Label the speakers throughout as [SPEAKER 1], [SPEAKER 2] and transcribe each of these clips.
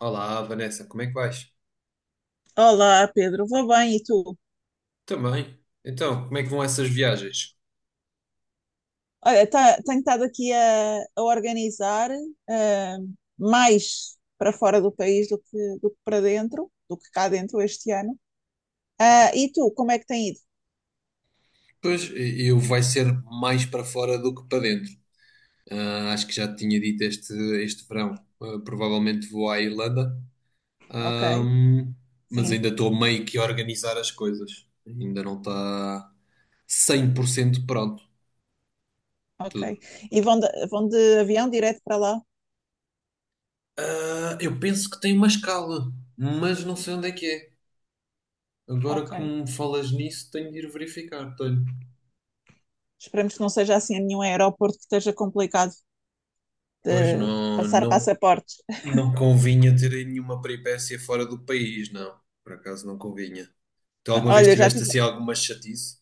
[SPEAKER 1] Olá, Vanessa, como é que vais?
[SPEAKER 2] Olá, Pedro, vou bem e tu?
[SPEAKER 1] Também. Então, como é que vão essas viagens?
[SPEAKER 2] Olha, tenho estado aqui a organizar, eh, mais para fora do país do que para dentro, do que cá dentro este ano. Ah, e tu, como é que tem ido?
[SPEAKER 1] Pois, eu vai ser mais para fora do que para dentro. Ah, acho que já te tinha dito este verão. Ah, provavelmente vou à Irlanda,
[SPEAKER 2] Ok,
[SPEAKER 1] Ahm, mas
[SPEAKER 2] sim,
[SPEAKER 1] ainda estou meio que a organizar as coisas. Ainda não está 100% pronto tudo.
[SPEAKER 2] ok. E vão de avião direto para lá?
[SPEAKER 1] Ah, eu penso que tem uma escala, mas não sei onde é que é. Agora
[SPEAKER 2] Ok.
[SPEAKER 1] que me falas nisso, tenho de ir verificar. Tenho.
[SPEAKER 2] Esperemos que não seja assim em nenhum aeroporto que esteja complicado
[SPEAKER 1] Pois
[SPEAKER 2] de
[SPEAKER 1] não,
[SPEAKER 2] passar
[SPEAKER 1] não.
[SPEAKER 2] passaportes.
[SPEAKER 1] Não convinha ter nenhuma peripécia fora do país, não. Por acaso não convinha. Tu alguma vez
[SPEAKER 2] Olha, eu já
[SPEAKER 1] tiveste
[SPEAKER 2] tive.
[SPEAKER 1] assim alguma chatice?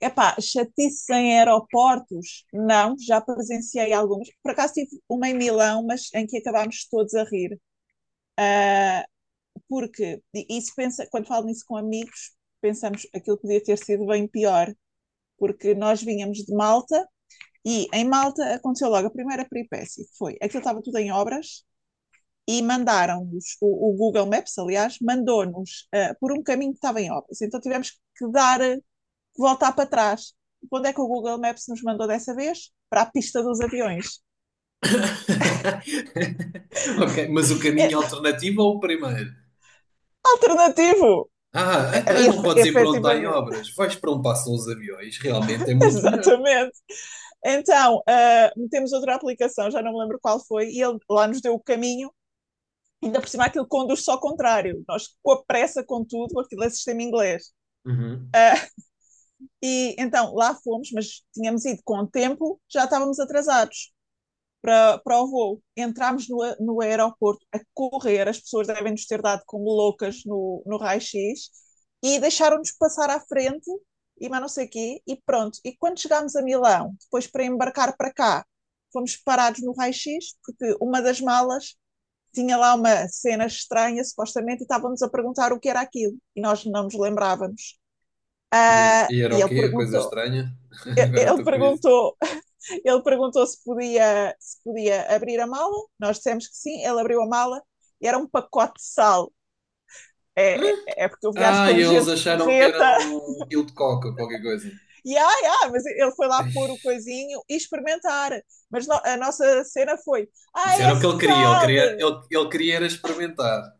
[SPEAKER 2] Epá, chatice em aeroportos? Não, já presenciei algumas. Por acaso tive uma em Milão, mas em que acabámos todos a rir. Ah, porque isso pensa, quando falo nisso com amigos, pensamos aquilo podia ter sido bem pior, porque nós vínhamos de Malta e em Malta aconteceu logo a primeira peripécia, que foi aquilo estava tudo em obras e mandaram-nos, o Google Maps, aliás, mandou-nos por um caminho que estava em obras. Então tivemos que dar, voltar para trás. Onde é que o Google Maps nos mandou dessa vez? Para a pista dos aviões.
[SPEAKER 1] Ok, mas o
[SPEAKER 2] É
[SPEAKER 1] caminho alternativo ou o primeiro?
[SPEAKER 2] alternativo!
[SPEAKER 1] Ah,
[SPEAKER 2] É, é,
[SPEAKER 1] então não
[SPEAKER 2] Efe,
[SPEAKER 1] podes ir para onde está em
[SPEAKER 2] efetivamente,
[SPEAKER 1] obras. Vais para onde passam os aviões. Realmente é muito melhor.
[SPEAKER 2] exatamente. Então, metemos outra aplicação, já não me lembro qual foi, e ele lá nos deu o caminho, ainda por cima aquilo conduz só ao contrário. Nós, com a pressa, com tudo, aquilo é sistema inglês.
[SPEAKER 1] Uhum.
[SPEAKER 2] Uh, e então lá fomos, mas tínhamos ido com o tempo, já estávamos atrasados para o voo. Entramos no aeroporto a correr, as pessoas devem nos ter dado como loucas no raio-x e deixaram-nos passar à frente e mas não sei o quê, e pronto. E quando chegámos a Milão, depois para embarcar para cá, fomos parados no raio-x porque uma das malas tinha lá uma cena estranha, supostamente, e estávamos a perguntar o que era aquilo e nós não nos lembrávamos.
[SPEAKER 1] E era
[SPEAKER 2] Uh,
[SPEAKER 1] e era
[SPEAKER 2] e
[SPEAKER 1] o
[SPEAKER 2] ele
[SPEAKER 1] quê? A coisa
[SPEAKER 2] perguntou,
[SPEAKER 1] estranha? Agora
[SPEAKER 2] ele
[SPEAKER 1] estou curioso.
[SPEAKER 2] perguntou se podia abrir a mala, nós dissemos que sim, ele abriu a mala e era um pacote de sal. É porque eu viajo
[SPEAKER 1] Ah, e
[SPEAKER 2] com
[SPEAKER 1] eles
[SPEAKER 2] gente
[SPEAKER 1] acharam que era
[SPEAKER 2] forreta.
[SPEAKER 1] um quilo de coca ou qualquer coisa.
[SPEAKER 2] E mas ele foi lá
[SPEAKER 1] Ai,
[SPEAKER 2] pôr o coisinho e experimentar. Mas no, a nossa cena foi: ah,
[SPEAKER 1] isso era
[SPEAKER 2] é
[SPEAKER 1] o que ele queria. Ele
[SPEAKER 2] sal!
[SPEAKER 1] queria, ele, ele queria era experimentar.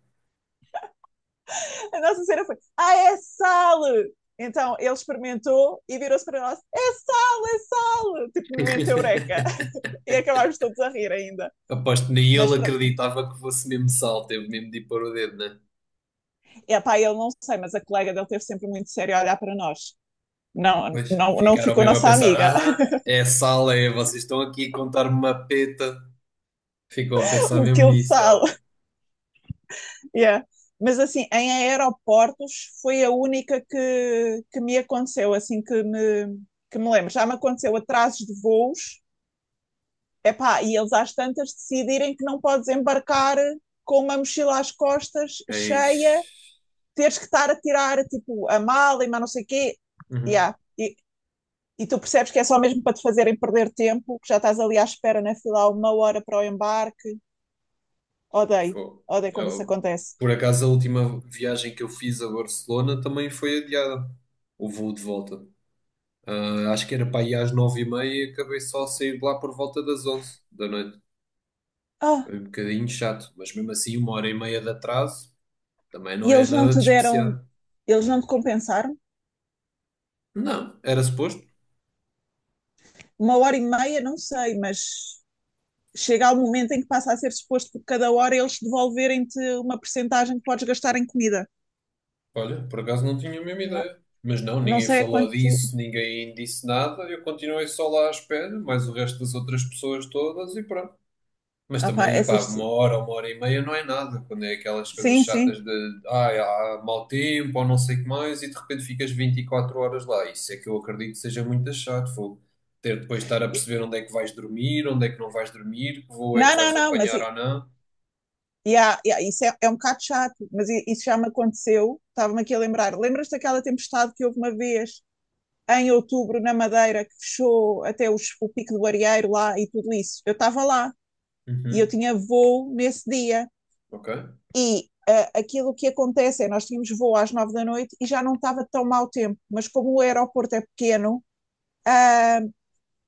[SPEAKER 2] A nossa cena foi: ah, é sal! Então ele experimentou e virou-se para nós: é sal, é sal! Tipo, momento eureka. E acabámos todos a rir ainda.
[SPEAKER 1] Aposto que nem
[SPEAKER 2] Mas
[SPEAKER 1] ele
[SPEAKER 2] pronto,
[SPEAKER 1] acreditava que fosse mesmo sal, teve mesmo de ir pôr o dedo, né?
[SPEAKER 2] epá, eu não sei, mas a colega dele teve sempre muito sério a olhar para nós. Não,
[SPEAKER 1] Pois
[SPEAKER 2] não, não
[SPEAKER 1] ficaram
[SPEAKER 2] ficou
[SPEAKER 1] mesmo a
[SPEAKER 2] nossa
[SPEAKER 1] pensar:
[SPEAKER 2] amiga.
[SPEAKER 1] ah, é sal, é, vocês estão aqui a contar-me uma peta. Ficou a pensar
[SPEAKER 2] Um
[SPEAKER 1] mesmo
[SPEAKER 2] quilo de
[SPEAKER 1] nisso,
[SPEAKER 2] sal.
[SPEAKER 1] ela.
[SPEAKER 2] Yeah. Mas assim, em aeroportos foi a única que me aconteceu, assim que me lembro. Já me aconteceu atrasos de voos, epá, e eles às tantas decidirem que não podes embarcar com uma mochila às costas
[SPEAKER 1] Eis.
[SPEAKER 2] cheia, teres que estar a tirar tipo a mala e mais não sei o quê.
[SPEAKER 1] Uhum.
[SPEAKER 2] Yeah. E tu percebes que é só mesmo para te fazerem perder tempo, que já estás ali à espera na fila há uma hora para o embarque. Odeio,
[SPEAKER 1] Fogo.
[SPEAKER 2] odeio quando isso
[SPEAKER 1] Eu-
[SPEAKER 2] acontece.
[SPEAKER 1] por acaso, a última viagem que eu fiz a Barcelona também foi adiada, o voo de volta. Ah, acho que era para ir às 9h30 e acabei só a sair de lá por volta das 11 da noite.
[SPEAKER 2] Ah,
[SPEAKER 1] Foi um bocadinho chato, mas mesmo assim, uma hora e meia de atraso. Também
[SPEAKER 2] e
[SPEAKER 1] não é
[SPEAKER 2] eles não
[SPEAKER 1] nada
[SPEAKER 2] te
[SPEAKER 1] de
[SPEAKER 2] deram,
[SPEAKER 1] especial.
[SPEAKER 2] eles não te compensaram?
[SPEAKER 1] Não, era suposto.
[SPEAKER 2] Uma hora e meia, não sei, mas chega ao momento em que passa a ser suposto por cada hora eles devolverem-te uma percentagem que podes gastar em comida.
[SPEAKER 1] Olha, por acaso não tinha a mesma
[SPEAKER 2] Não,
[SPEAKER 1] ideia. Mas não,
[SPEAKER 2] não
[SPEAKER 1] ninguém
[SPEAKER 2] sei a
[SPEAKER 1] falou
[SPEAKER 2] quanto.
[SPEAKER 1] disso, ninguém disse nada. Eu continuei só lá à espera, mais o resto das outras pessoas todas e pronto. Mas
[SPEAKER 2] Opá,
[SPEAKER 1] também, epá,
[SPEAKER 2] essas.
[SPEAKER 1] uma hora e meia não é nada. Quando é aquelas coisas
[SPEAKER 2] Sim, sim.
[SPEAKER 1] chatas de ai, há mau tempo ou não sei o que mais e de repente ficas 24 horas lá. Isso é que eu acredito que seja muito chato. Vou ter depois de estar a perceber onde é que vais dormir, onde é que não vais dormir, que voo é que
[SPEAKER 2] Não, não,
[SPEAKER 1] vais
[SPEAKER 2] não, mas
[SPEAKER 1] apanhar ou não.
[SPEAKER 2] yeah, yeah, isso é um bocado chato, mas isso já me aconteceu. Estava-me aqui a lembrar. Lembras-te daquela tempestade que houve uma vez em outubro na Madeira que fechou até o Pico do Arieiro lá e tudo isso? Eu estava lá e eu
[SPEAKER 1] Uhum.
[SPEAKER 2] tinha voo nesse dia.
[SPEAKER 1] Ok.
[SPEAKER 2] E aquilo que acontece é nós tínhamos voo às nove da noite e já não estava tão mau tempo, mas como o aeroporto é pequeno, ah,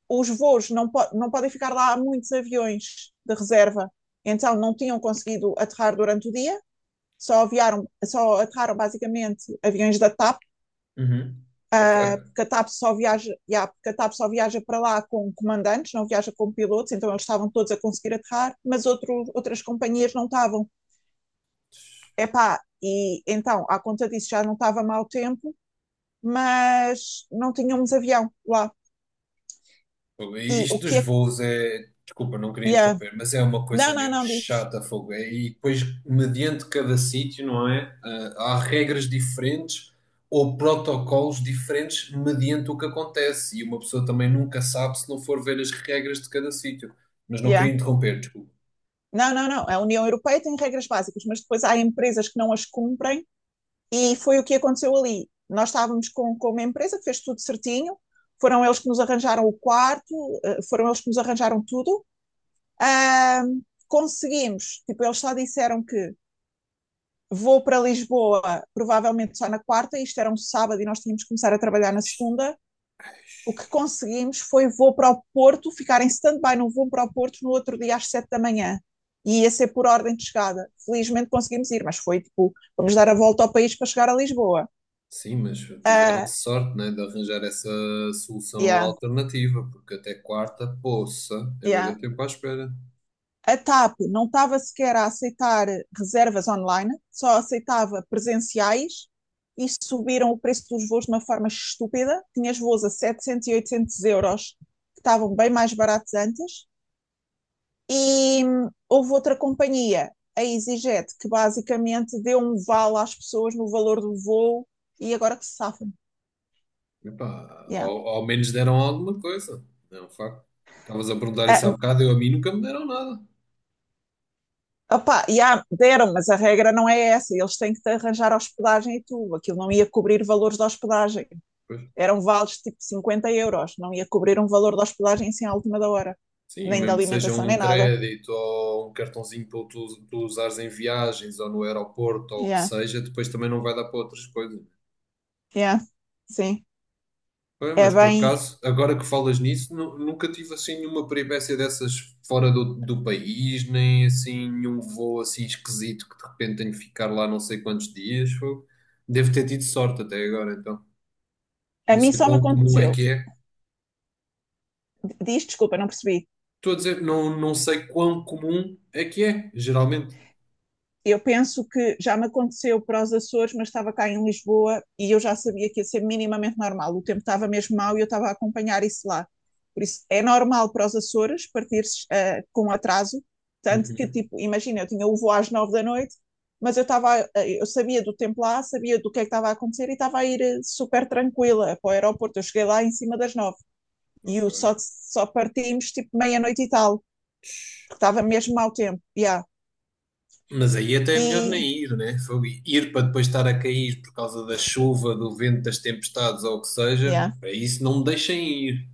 [SPEAKER 2] os voos não, não podem ficar lá há muitos aviões de reserva. Então não tinham conseguido aterrar durante o dia, só aterraram basicamente aviões da TAP,
[SPEAKER 1] Uhum. Ok.
[SPEAKER 2] ah, porque a TAP só viaja, yeah, porque a TAP só viaja para lá com comandantes, não viaja com pilotos, então eles estavam todos a conseguir aterrar, mas outras companhias não estavam. Epá, e então, à conta disso, já não estava mau tempo, mas não tínhamos avião lá.
[SPEAKER 1] E
[SPEAKER 2] E o
[SPEAKER 1] isto
[SPEAKER 2] que
[SPEAKER 1] dos
[SPEAKER 2] é.
[SPEAKER 1] voos é, desculpa, não queria
[SPEAKER 2] Yeah.
[SPEAKER 1] interromper, mas é uma
[SPEAKER 2] Não,
[SPEAKER 1] coisa
[SPEAKER 2] não,
[SPEAKER 1] mesmo
[SPEAKER 2] não, diz.
[SPEAKER 1] chata, fogo. É, e depois, mediante cada sítio, não é? Ah, há regras diferentes ou protocolos diferentes mediante o que acontece. E uma pessoa também nunca sabe se não for ver as regras de cada sítio. Mas não queria
[SPEAKER 2] Yeah.
[SPEAKER 1] interromper, desculpa.
[SPEAKER 2] Não, não, não. A União Europeia tem regras básicas, mas depois há empresas que não as cumprem. E foi o que aconteceu ali. Nós estávamos com uma empresa que fez tudo certinho, foram eles que nos arranjaram o quarto, foram eles que nos arranjaram tudo. Uh, conseguimos, tipo, eles só disseram que vou para Lisboa provavelmente só na quarta, isto era um sábado e nós tínhamos que começar a trabalhar na segunda. O que conseguimos foi vou para o Porto, ficar em stand-by não vou para o Porto no outro dia às sete da manhã. E ia ser por ordem de chegada. Felizmente conseguimos ir, mas foi tipo, vamos dar a volta ao país para chegar a Lisboa.
[SPEAKER 1] Sim, mas tiveram
[SPEAKER 2] Uh,
[SPEAKER 1] sorte, né, de arranjar essa solução
[SPEAKER 2] yeah.
[SPEAKER 1] alternativa, porque até quarta, poça, é bué de
[SPEAKER 2] Yeah.
[SPEAKER 1] tempo à espera.
[SPEAKER 2] A TAP não estava sequer a aceitar reservas online, só aceitava presenciais e subiram o preço dos voos de uma forma estúpida. Tinhas voos a 700 e 800 euros, que estavam bem mais baratos antes. E houve outra companhia, a EasyJet, que basicamente deu um vale às pessoas no valor do voo e agora que se safam.
[SPEAKER 1] Epá,
[SPEAKER 2] Yeah.
[SPEAKER 1] ao menos deram alguma coisa. É um facto. Estavas a perguntar isso há
[SPEAKER 2] Ah,
[SPEAKER 1] bocado, eu a mim nunca me deram nada.
[SPEAKER 2] opá, yeah, deram, mas a regra não é essa. Eles têm que te arranjar hospedagem e tudo. Aquilo não ia cobrir valores de hospedagem.
[SPEAKER 1] Pois.
[SPEAKER 2] Eram vales tipo 50 euros, não ia cobrir um valor da hospedagem assim à última da hora,
[SPEAKER 1] Sim,
[SPEAKER 2] nem da
[SPEAKER 1] mesmo que seja
[SPEAKER 2] alimentação,
[SPEAKER 1] um
[SPEAKER 2] nem nada.
[SPEAKER 1] crédito ou um cartãozinho para tu, tu usares em viagens ou no aeroporto ou o que
[SPEAKER 2] Yeah,
[SPEAKER 1] seja, depois também não vai dar para outras coisas.
[SPEAKER 2] yeah, sim.
[SPEAKER 1] Pois,
[SPEAKER 2] É
[SPEAKER 1] mas por
[SPEAKER 2] bem.
[SPEAKER 1] acaso, agora que falas nisso, nunca tive assim nenhuma peripécia dessas fora do país, nem assim nenhum voo assim esquisito que de repente tenho que ficar lá não sei quantos dias. Devo ter tido sorte até agora, então,
[SPEAKER 2] A
[SPEAKER 1] não
[SPEAKER 2] mim
[SPEAKER 1] sei
[SPEAKER 2] só me
[SPEAKER 1] quão comum é
[SPEAKER 2] aconteceu.
[SPEAKER 1] que é.
[SPEAKER 2] Diz, desculpa, não percebi.
[SPEAKER 1] Estou a dizer, não, não sei quão comum é que é, geralmente.
[SPEAKER 2] Eu penso que já me aconteceu para os Açores, mas estava cá em Lisboa e eu já sabia que ia ser minimamente normal. O tempo estava mesmo mau e eu estava a acompanhar isso lá. Por isso, é normal para os Açores partir com atraso, tanto que,
[SPEAKER 1] Uhum.
[SPEAKER 2] tipo, imagina, eu tinha o voo às nove da noite, mas eu estava, eu sabia do tempo lá, sabia do que é que estava a acontecer e estava a ir super tranquila para o aeroporto. Eu cheguei lá em cima das nove e eu
[SPEAKER 1] Ok.
[SPEAKER 2] só, partimos, tipo, meia-noite e tal, porque estava mesmo mau tempo, yeah.
[SPEAKER 1] Mas aí até é melhor
[SPEAKER 2] E,
[SPEAKER 1] nem ir, né? Fogo. Ir para depois estar a cair por causa da chuva, do vento, das tempestades ou o que seja,
[SPEAKER 2] yeah,
[SPEAKER 1] para isso não me deixem ir.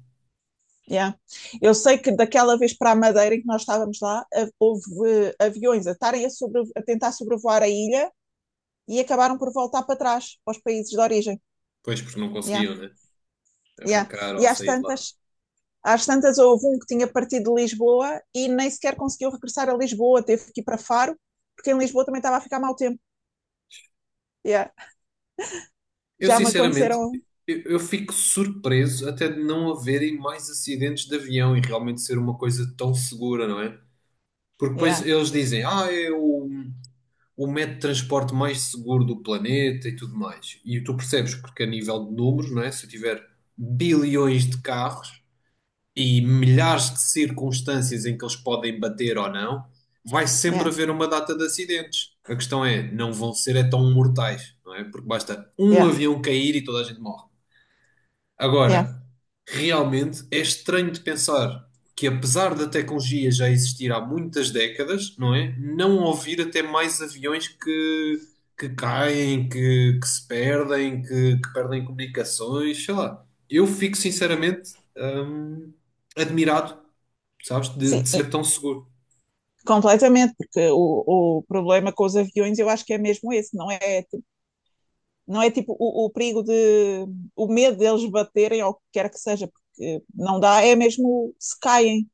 [SPEAKER 2] yeah. Eu sei que daquela vez para a Madeira em que nós estávamos lá, houve aviões a tentar sobrevoar a ilha e acabaram por voltar para trás, para os países de origem.
[SPEAKER 1] Pois, porque não
[SPEAKER 2] Yeah,
[SPEAKER 1] conseguiam, né?
[SPEAKER 2] yeah.
[SPEAKER 1] Arrancar
[SPEAKER 2] E
[SPEAKER 1] ou
[SPEAKER 2] às
[SPEAKER 1] sair de lá.
[SPEAKER 2] tantas, às tantas houve um que tinha partido de Lisboa e nem sequer conseguiu regressar a Lisboa, teve que ir para Faro, porque em Lisboa também estava a ficar mau tempo. Yeah.
[SPEAKER 1] Eu,
[SPEAKER 2] Já me
[SPEAKER 1] sinceramente,
[SPEAKER 2] aconteceram.
[SPEAKER 1] eu fico surpreso até de não haverem mais acidentes de avião e realmente ser uma coisa tão segura, não é? Porque depois
[SPEAKER 2] Yeah,
[SPEAKER 1] eles dizem, ah, é o método de transporte mais seguro do planeta e tudo mais. E tu percebes, porque a nível de números, não é? Se eu tiver bilhões de carros e milhares de circunstâncias em que eles podem bater ou não, vai sempre
[SPEAKER 2] yeah,
[SPEAKER 1] haver uma data de acidentes. A questão é, não vão ser é tão mortais, não é? Porque basta um
[SPEAKER 2] yeah,
[SPEAKER 1] avião cair e toda a gente morre.
[SPEAKER 2] yeah.
[SPEAKER 1] Agora, realmente é estranho de pensar que, apesar da tecnologia já existir há muitas décadas, não é? Não ouvir até mais aviões que, que se perdem, que perdem comunicações, sei lá. Eu fico sinceramente hum, admirado, sabes, de
[SPEAKER 2] Sim,
[SPEAKER 1] ser tão seguro.
[SPEAKER 2] completamente, porque o problema com os aviões eu acho que é mesmo esse, não é tipo o perigo de, o medo deles baterem ou o que quer que seja, porque não dá, é mesmo se caem.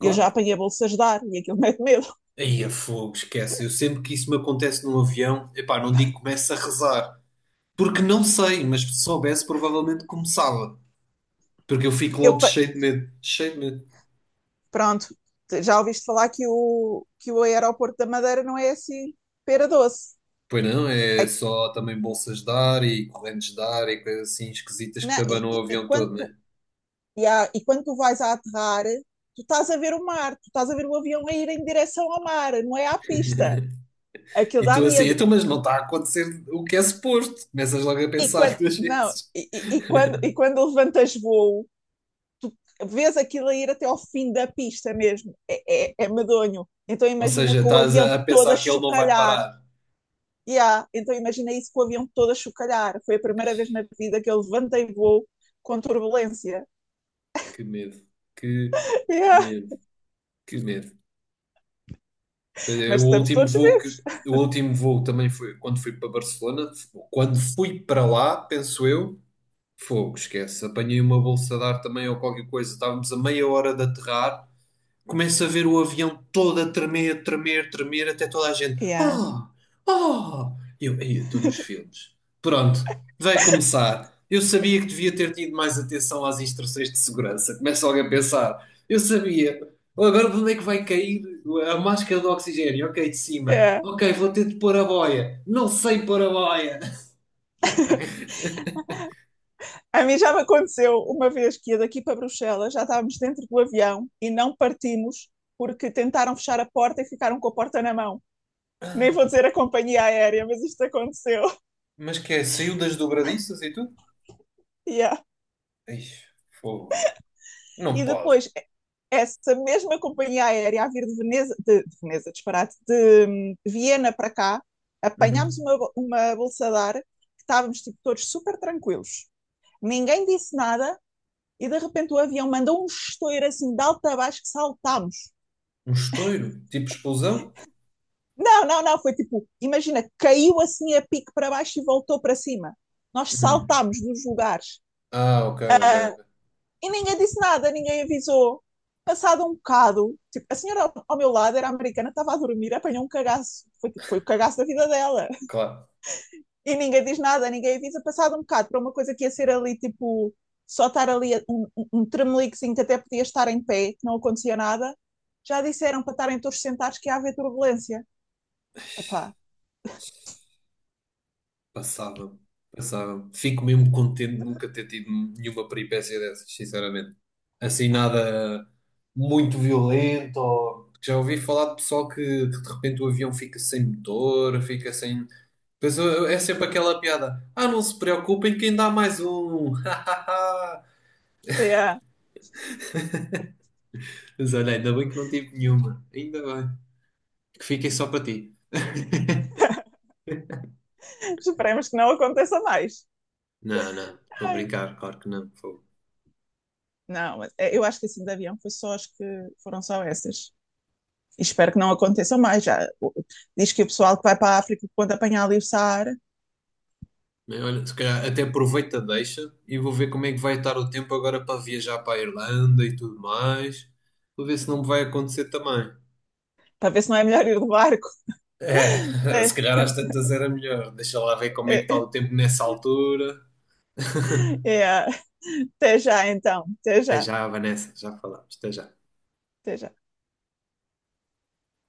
[SPEAKER 2] Eu já
[SPEAKER 1] Claro.
[SPEAKER 2] apanhei bolsas de ar e aquilo mete medo.
[SPEAKER 1] Aí a fogo, esquece. Eu sempre que isso me acontece num avião, epá, não digo que começo a rezar, porque não sei, mas se soubesse, provavelmente começava. Porque eu fico
[SPEAKER 2] Eu,
[SPEAKER 1] logo cheio de medo, cheio de medo.
[SPEAKER 2] pronto, já ouviste falar que o aeroporto da Madeira não é assim pera doce.
[SPEAKER 1] Pois não, é
[SPEAKER 2] A-
[SPEAKER 1] só também bolsas de ar e correntes de ar e coisas assim esquisitas que te abanam o avião
[SPEAKER 2] quando
[SPEAKER 1] todo,
[SPEAKER 2] tu,
[SPEAKER 1] né?
[SPEAKER 2] e, há- e quando tu vais a aterrar, tu estás a ver o mar, tu estás a ver o avião a ir em direção ao mar, não é à pista. Aquilo
[SPEAKER 1] E
[SPEAKER 2] dá
[SPEAKER 1] tu assim,
[SPEAKER 2] medo.
[SPEAKER 1] então, mas não está a acontecer o que é suposto. Começas logo a
[SPEAKER 2] E
[SPEAKER 1] pensar
[SPEAKER 2] quando,
[SPEAKER 1] duas
[SPEAKER 2] não,
[SPEAKER 1] vezes.
[SPEAKER 2] quando levantas voo, vês aquilo a ir até ao fim da pista mesmo. É medonho. Então
[SPEAKER 1] Ou
[SPEAKER 2] imagina
[SPEAKER 1] seja,
[SPEAKER 2] com o
[SPEAKER 1] estás a,
[SPEAKER 2] avião
[SPEAKER 1] a
[SPEAKER 2] todo a
[SPEAKER 1] pensar que ele não vai
[SPEAKER 2] chocalhar.
[SPEAKER 1] parar.
[SPEAKER 2] Yeah, então imagina isso com o avião todo a chocalhar. Foi a primeira vez na vida que eu levantei voo com turbulência.
[SPEAKER 1] Que medo, que
[SPEAKER 2] Yeah.
[SPEAKER 1] medo, que medo. Eh, O
[SPEAKER 2] Mas estamos
[SPEAKER 1] último
[SPEAKER 2] todos
[SPEAKER 1] voo que,
[SPEAKER 2] vivos.
[SPEAKER 1] o último voo também foi quando fui para Barcelona. Quando fui para lá, penso eu. Fogo, esquece. Apanhei uma bolsa de ar também ou qualquer coisa. Estávamos a meia hora de aterrar. Começo a ver o avião todo a tremer, tremer, tremer, até toda a gente.
[SPEAKER 2] Yeah.
[SPEAKER 1] Ah! Ah! Eu, "Ei, eu estou nos filmes. Pronto, vai começar. Eu sabia que devia ter tido mais atenção às instruções de segurança. Começa alguém a pensar. Eu sabia. Agora de onde é que vai cair a máscara de oxigênio? Ok, de cima.
[SPEAKER 2] Yeah.
[SPEAKER 1] Ok, vou ter de pôr a boia. Não sei pôr a boia.
[SPEAKER 2] A mim já me aconteceu uma vez que ia daqui para Bruxelas, já estávamos dentro do avião e não partimos porque tentaram fechar a porta e ficaram com a porta na mão. Nem vou dizer a companhia aérea, mas isto aconteceu.
[SPEAKER 1] Mas que é? Saiu das dobradiças e tudo?
[SPEAKER 2] Yeah.
[SPEAKER 1] Ixi, fogo. Não
[SPEAKER 2] E
[SPEAKER 1] pode.
[SPEAKER 2] depois, é, essa mesma companhia aérea a vir de Veneza, de Veneza, disparate, de Viena para cá, apanhámos
[SPEAKER 1] Uhum.
[SPEAKER 2] uma bolsa de ar, que estávamos tipo, todos super tranquilos. Ninguém disse nada e de repente o avião mandou um estouro assim de alto a baixo que saltámos.
[SPEAKER 1] Um estouro? Tipo explosão?
[SPEAKER 2] Não, não, não, foi tipo, imagina, caiu assim a pique para baixo e voltou para cima. Nós
[SPEAKER 1] Uhum.
[SPEAKER 2] saltámos dos lugares.
[SPEAKER 1] Ah, ok, ok. Ok.
[SPEAKER 2] E ninguém disse nada, ninguém avisou. Passado um bocado, tipo, a senhora ao meu lado era americana, estava a dormir, apanhou um cagaço. Foi, tipo, foi o cagaço da vida dela.
[SPEAKER 1] Claro.
[SPEAKER 2] E ninguém diz nada, ninguém avisa. Passado um bocado, para uma coisa que ia ser ali, tipo, só estar ali um tremeliquezinho que até podia estar em pé, que não acontecia nada, já disseram para estarem todos sentados que ia haver turbulência. Epá,
[SPEAKER 1] Passava-me. Passava-me. Fico mesmo contente de nunca ter tido nenhuma peripécia dessas, sinceramente. Assim, nada muito violento. Ou... Já ouvi falar de pessoal que de repente o avião fica sem motor, fica sem. Pois é sempre aquela piada. Ah, não se preocupem, que ainda há mais um.
[SPEAKER 2] yeah.
[SPEAKER 1] Mas olha, ainda bem que não tive nenhuma. Ainda bem. Que fiquem só para ti.
[SPEAKER 2] Esperemos que não aconteça mais.
[SPEAKER 1] Não, não. Estou a
[SPEAKER 2] Ai,
[SPEAKER 1] brincar, claro que não. Fogo.
[SPEAKER 2] não, mas é, eu acho que assim de avião foi só, acho que foram só essas. Espero que não aconteça mais. Já, diz que o pessoal que vai para a África quando apanhar ali o Saara,
[SPEAKER 1] Bem, olha, se calhar até aproveito a deixa e vou ver como é que vai estar o tempo agora para viajar para a Irlanda e tudo mais. Vou ver se não me vai acontecer também.
[SPEAKER 2] para ver se não é melhor ir do barco.
[SPEAKER 1] É, se
[SPEAKER 2] Até,
[SPEAKER 1] calhar às tantas era melhor. Deixa lá ver como é que está
[SPEAKER 2] é,
[SPEAKER 1] o tempo nessa altura.
[SPEAKER 2] é, é, até já, então. Até
[SPEAKER 1] Até
[SPEAKER 2] já.
[SPEAKER 1] já, Vanessa, já falamos. Até já.
[SPEAKER 2] Até já.